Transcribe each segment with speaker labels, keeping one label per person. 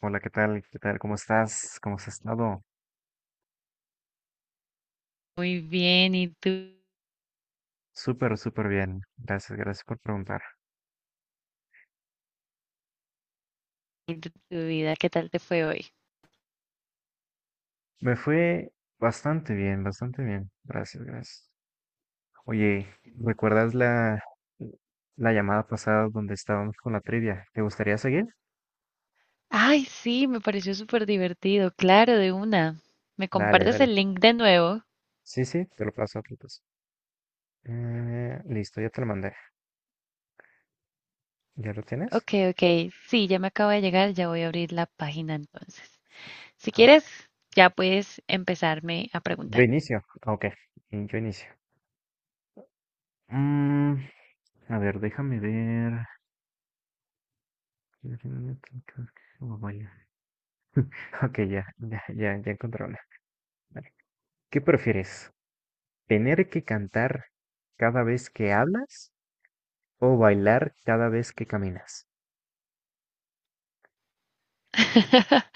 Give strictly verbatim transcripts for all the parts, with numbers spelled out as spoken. Speaker 1: Hola, ¿qué tal? ¿Qué tal? ¿Cómo estás? ¿Cómo has estado?
Speaker 2: Muy bien, ¿y tú?
Speaker 1: Súper, súper bien. Gracias, gracias por preguntar.
Speaker 2: ¿Y ¿Tu tu vida? ¿Qué tal te fue hoy?
Speaker 1: Me fue bastante bien, bastante bien. Gracias, gracias. Oye, ¿recuerdas la, la llamada pasada donde estábamos con la trivia? ¿Te gustaría seguir?
Speaker 2: Ay, sí, me pareció súper divertido, claro, de una. ¿Me
Speaker 1: Dale,
Speaker 2: compartes
Speaker 1: dale.
Speaker 2: el link de nuevo?
Speaker 1: Sí, sí, te lo paso, te lo paso. Eh, listo, ya te lo mandé. ¿Ya lo tienes?
Speaker 2: Ok, ok, sí, ya me acaba de llegar, ya voy a abrir la página entonces. Si
Speaker 1: Ah, ok.
Speaker 2: quieres, ya puedes empezarme a
Speaker 1: Yo
Speaker 2: preguntar.
Speaker 1: inicio. Ah, ok, y yo inicio. Mm, a ver, déjame ver. Oh, vaya. Ok, ya, ya, ya, ya encontré una. Vale. ¿Qué prefieres? ¿Tener que cantar cada vez que hablas o bailar cada vez que caminas?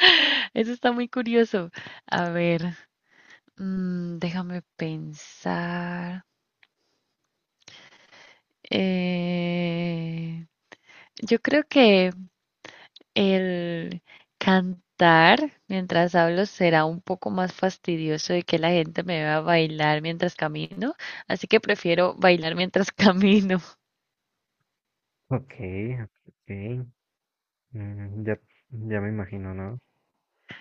Speaker 2: Eso está muy curioso. A ver, mm, déjame pensar. Eh, yo creo que el cantar mientras hablo será un poco más fastidioso de que la gente me vea bailar mientras camino, así que prefiero bailar mientras camino.
Speaker 1: Ok, ok. mm, ya, ya me imagino, ¿no?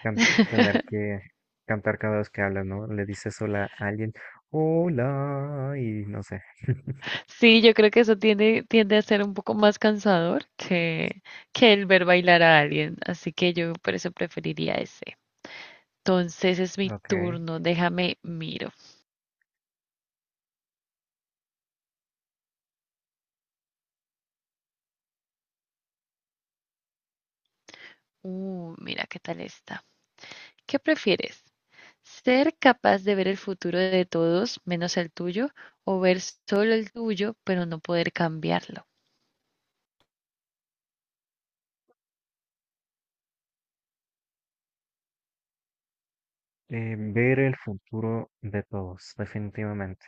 Speaker 1: Can- tener que cantar cada vez que hablas, ¿no? Le dices hola a alguien, hola, y no sé.
Speaker 2: Sí, yo creo que eso tiende, tiende a ser un poco más cansador que, que el ver bailar a alguien, así que yo por eso preferiría ese. Entonces es mi
Speaker 1: Ok.
Speaker 2: turno, déjame miro. Uh, mira qué tal está. ¿Qué prefieres? Ser capaz de ver el futuro de todos menos el tuyo o ver solo el tuyo, pero no poder cambiarlo.
Speaker 1: Eh, ver el futuro de todos, definitivamente.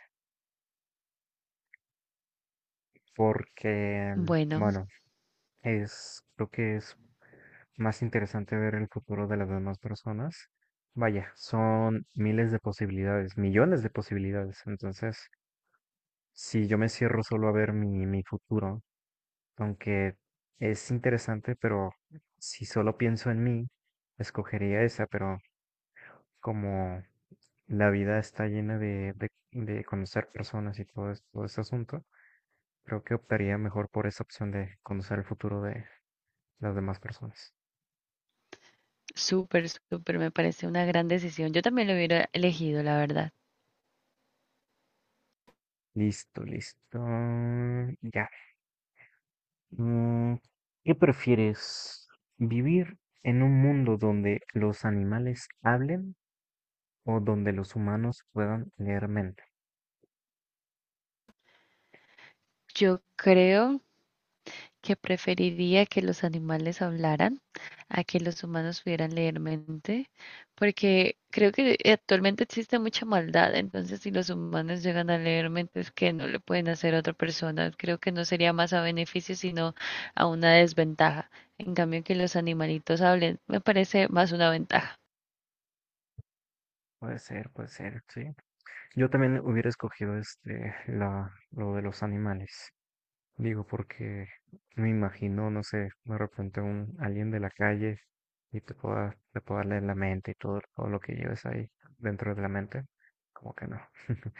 Speaker 1: Porque, mm,
Speaker 2: Bueno,
Speaker 1: bueno, Es, Creo que es más interesante ver el futuro de las demás personas. Vaya, son miles de posibilidades, millones de posibilidades. Entonces, si yo me cierro solo a ver mi, mi futuro, aunque es interesante, pero si solo pienso en mí, escogería esa, pero como la vida está llena de, de, de conocer personas y todo, es- todo ese asunto, creo que optaría mejor por esa opción de conocer el futuro de las demás personas.
Speaker 2: súper, súper, me parece una gran decisión. Yo también lo hubiera elegido, la verdad.
Speaker 1: Listo, listo. Ya. Mm, ¿Qué prefieres? ¿Vivir en un mundo donde los animales hablen o donde los humanos puedan leer mente?
Speaker 2: Yo creo que preferiría que los animales hablaran a que los humanos pudieran leer mente, porque creo que actualmente existe mucha maldad, entonces si los humanos llegan a leer mentes que no le pueden hacer a otra persona, creo que no sería más a beneficio, sino a una desventaja. En cambio, que los animalitos hablen, me parece más una ventaja.
Speaker 1: Puede ser, puede ser, sí. Yo también hubiera escogido este, la, lo de los animales. Digo, porque me imagino, no sé, de repente un alguien de la calle y te pueda, te pueda leer la mente y todo, todo lo que lleves ahí dentro de la mente, como que no.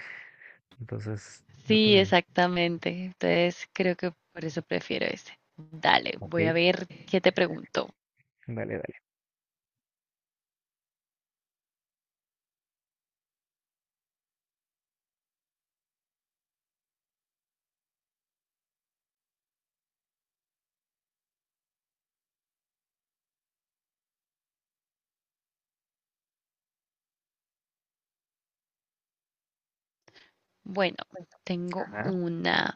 Speaker 1: Entonces, yo
Speaker 2: Sí,
Speaker 1: también.
Speaker 2: exactamente. Entonces, creo que por eso prefiero ese. Dale,
Speaker 1: Ok,
Speaker 2: voy a ver qué te pregunto.
Speaker 1: dale, dale.
Speaker 2: Bueno, tengo
Speaker 1: Ajá.
Speaker 2: una.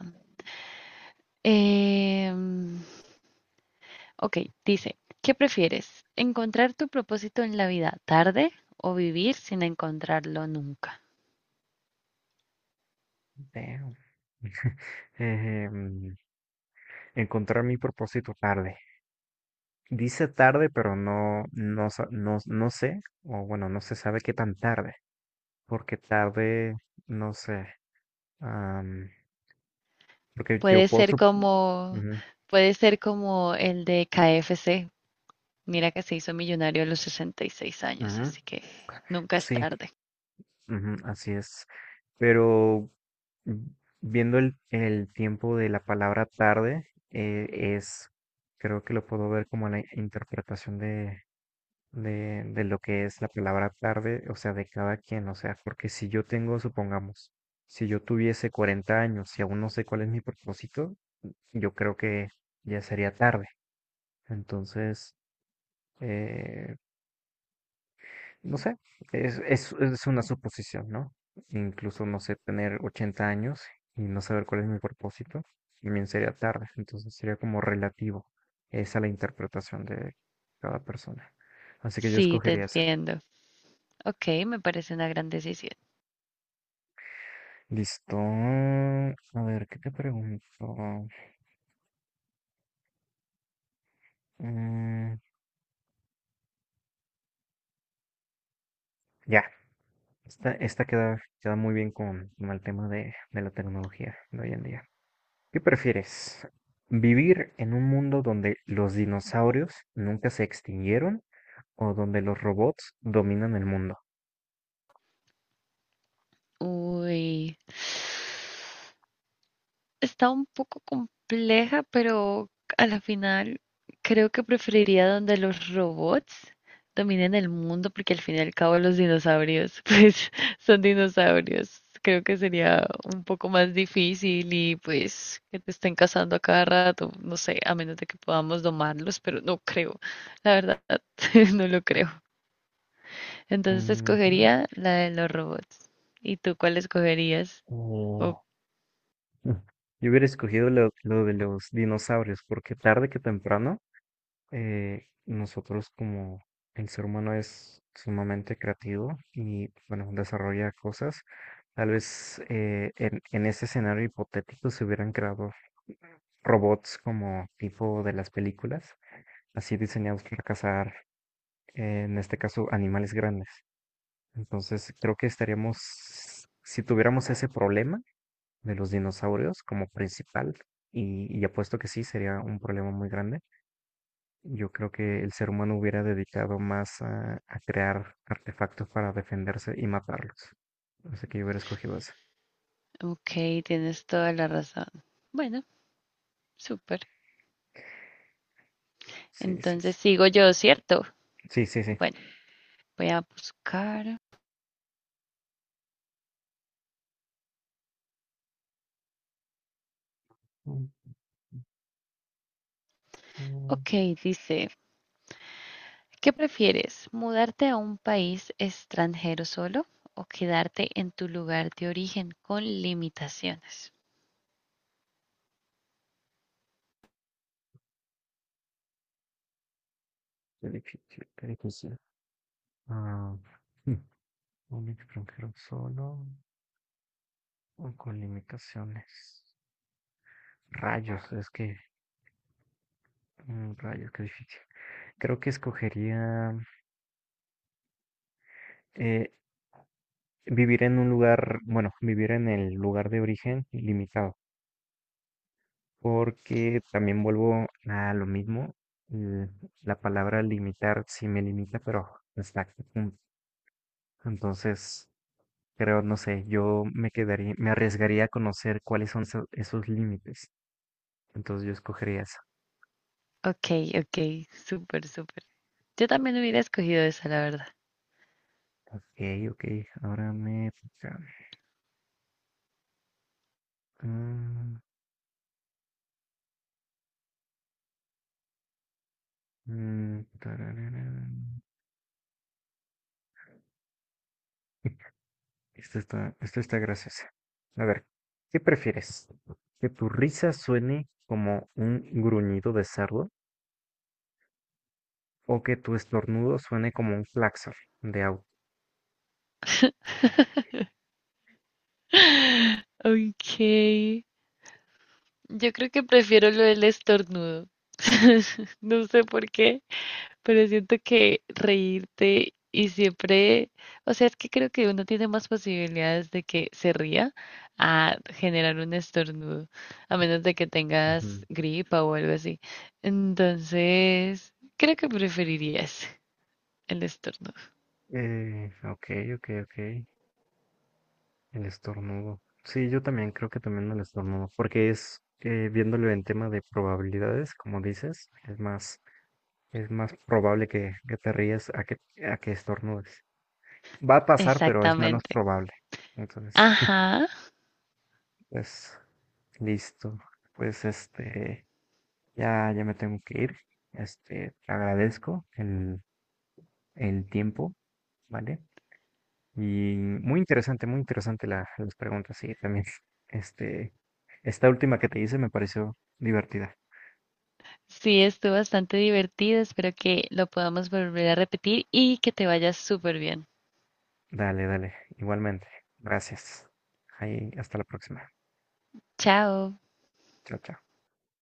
Speaker 2: Em, Ok, dice, ¿qué prefieres? ¿Encontrar tu propósito en la vida tarde o vivir sin encontrarlo nunca?
Speaker 1: Damn. Em, Encontrar mi propósito tarde. Dice tarde, pero no, no, sa- no, no sé, o bueno, no se sabe qué tan tarde, porque tarde, no sé. Porque yo
Speaker 2: Puede
Speaker 1: puedo...
Speaker 2: ser
Speaker 1: sup-
Speaker 2: como,
Speaker 1: Ujú,
Speaker 2: puede ser como el de K F C. Mira que se hizo millonario a los sesenta y seis años,
Speaker 1: ujú,
Speaker 2: así que nunca es
Speaker 1: sí,
Speaker 2: tarde.
Speaker 1: ujú, así es. Pero mm, viendo el, el tiempo de la palabra tarde, eh, es, creo que lo puedo ver como la interpretación de, de, de lo que es la palabra tarde, o sea, de cada quien, o sea, porque si yo tengo, supongamos, si yo tuviese cuarenta años y aún no sé cuál es mi propósito, yo creo que ya sería tarde. Entonces, eh, no sé, es, es, es una suposición, ¿no? Incluso, no sé, tener ochenta años y no saber cuál es mi propósito, también sería tarde. Entonces sería como relativo. Esa la interpretación de cada persona. Así que yo
Speaker 2: Sí, te
Speaker 1: escogería esa.
Speaker 2: entiendo. Ok, me parece una gran decisión.
Speaker 1: Listo. A ver, ¿qué te pregunto? Mm, ya, esta, esta queda, queda muy bien con, con el tema de, de la tecnología de hoy en día. ¿Qué prefieres? ¿Vivir en un mundo donde los dinosaurios nunca se extinguieron o donde los robots dominan el mundo?
Speaker 2: Uy, está un poco compleja, pero a la final creo que preferiría donde los robots dominen el mundo, porque al fin y al cabo los dinosaurios, pues son dinosaurios. Creo que sería un poco más difícil y pues que te estén cazando a cada rato, no sé, a menos de que podamos domarlos, pero no creo, la verdad, no lo creo. Entonces
Speaker 1: Ujú.
Speaker 2: escogería la de los robots. ¿Y tú cuál escogerías? O-
Speaker 1: O- Mm. Yo hubiera escogido lo, lo de los dinosaurios porque tarde que temprano eh, nosotros como el ser humano es sumamente creativo y bueno, desarrolla cosas. Tal vez eh, en, en ese escenario hipotético se hubieran creado robots como tipo de las películas así diseñados para cazar, eh, en este caso, animales grandes. Entonces, creo que estaríamos, si tuviéramos ese problema de los dinosaurios como principal, y, y apuesto que sí, sería un problema muy grande, yo creo que el ser humano hubiera dedicado más a, a crear artefactos para defenderse y matarlos. Así que yo hubiera escogido esa.
Speaker 2: Ok, tienes toda la razón. Bueno, súper.
Speaker 1: Sí, sí,
Speaker 2: Entonces
Speaker 1: sí.
Speaker 2: sigo yo, ¿cierto?
Speaker 1: Sí, sí, sí.
Speaker 2: Bueno, voy a buscar.
Speaker 1: Mm, mm,
Speaker 2: Ok, dice. ¿Qué prefieres? ¿Mudarte a un país extranjero solo o quedarte en tu lugar de origen con limitaciones?
Speaker 1: Qué difícil, qué difícil. Ah, hmm, un extranjero solo. O con limitaciones. Rayos, es que, mm, rayos, qué difícil. Creo que escogería eh, vivir en un lugar, bueno, vivir en el lugar de origen limitado, porque también vuelvo a lo mismo. eh, La palabra limitar sí me limita, pero hasta qué punto. Entonces, creo, no sé, yo me quedaría, me arriesgaría a conocer cuáles son eso- esos límites. Entonces, yo escogería eso.
Speaker 2: Ok, ok, súper, súper. Yo también hubiera escogido esa, la verdad.
Speaker 1: Ok, ok, ahora me toca. Mm, Mm, tararara. Esta está, esta está graciosa. A ver, ¿qué prefieres? ¿Que tu risa suene como un gruñido de cerdo o que tu estornudo suene como un claxon de auto?
Speaker 2: Ok, yo creo que prefiero lo del estornudo. No sé por qué. Pero siento que reírte y siempre, o sea, es que creo que uno tiene más posibilidades de que se ría a generar un estornudo, a menos de que
Speaker 1: Ujú.
Speaker 2: tengas gripa o algo así. Entonces, creo que preferirías el estornudo.
Speaker 1: Eh, ok, ok, ok. El estornudo. Sí, yo también creo que también el estornudo, porque es, eh, viéndolo en tema de probabilidades, como dices, es más, es más probable que, que te rías a que, a que estornudes. Va a pasar, pero es menos
Speaker 2: Exactamente.
Speaker 1: probable. Entonces,
Speaker 2: Ajá.
Speaker 1: pues, listo. Pues este, ya, ya me tengo que ir. Este, te agradezco el, el tiempo, ¿vale? Y muy interesante, muy interesante la- las preguntas, sí, también. Este, esta última que te hice me pareció divertida.
Speaker 2: Sí, estuvo bastante divertido. Espero que lo podamos volver a repetir y que te vayas súper bien.
Speaker 1: Dale, dale, igualmente. Gracias. Ahí, hasta la próxima.
Speaker 2: Chao.
Speaker 1: Chao, chao.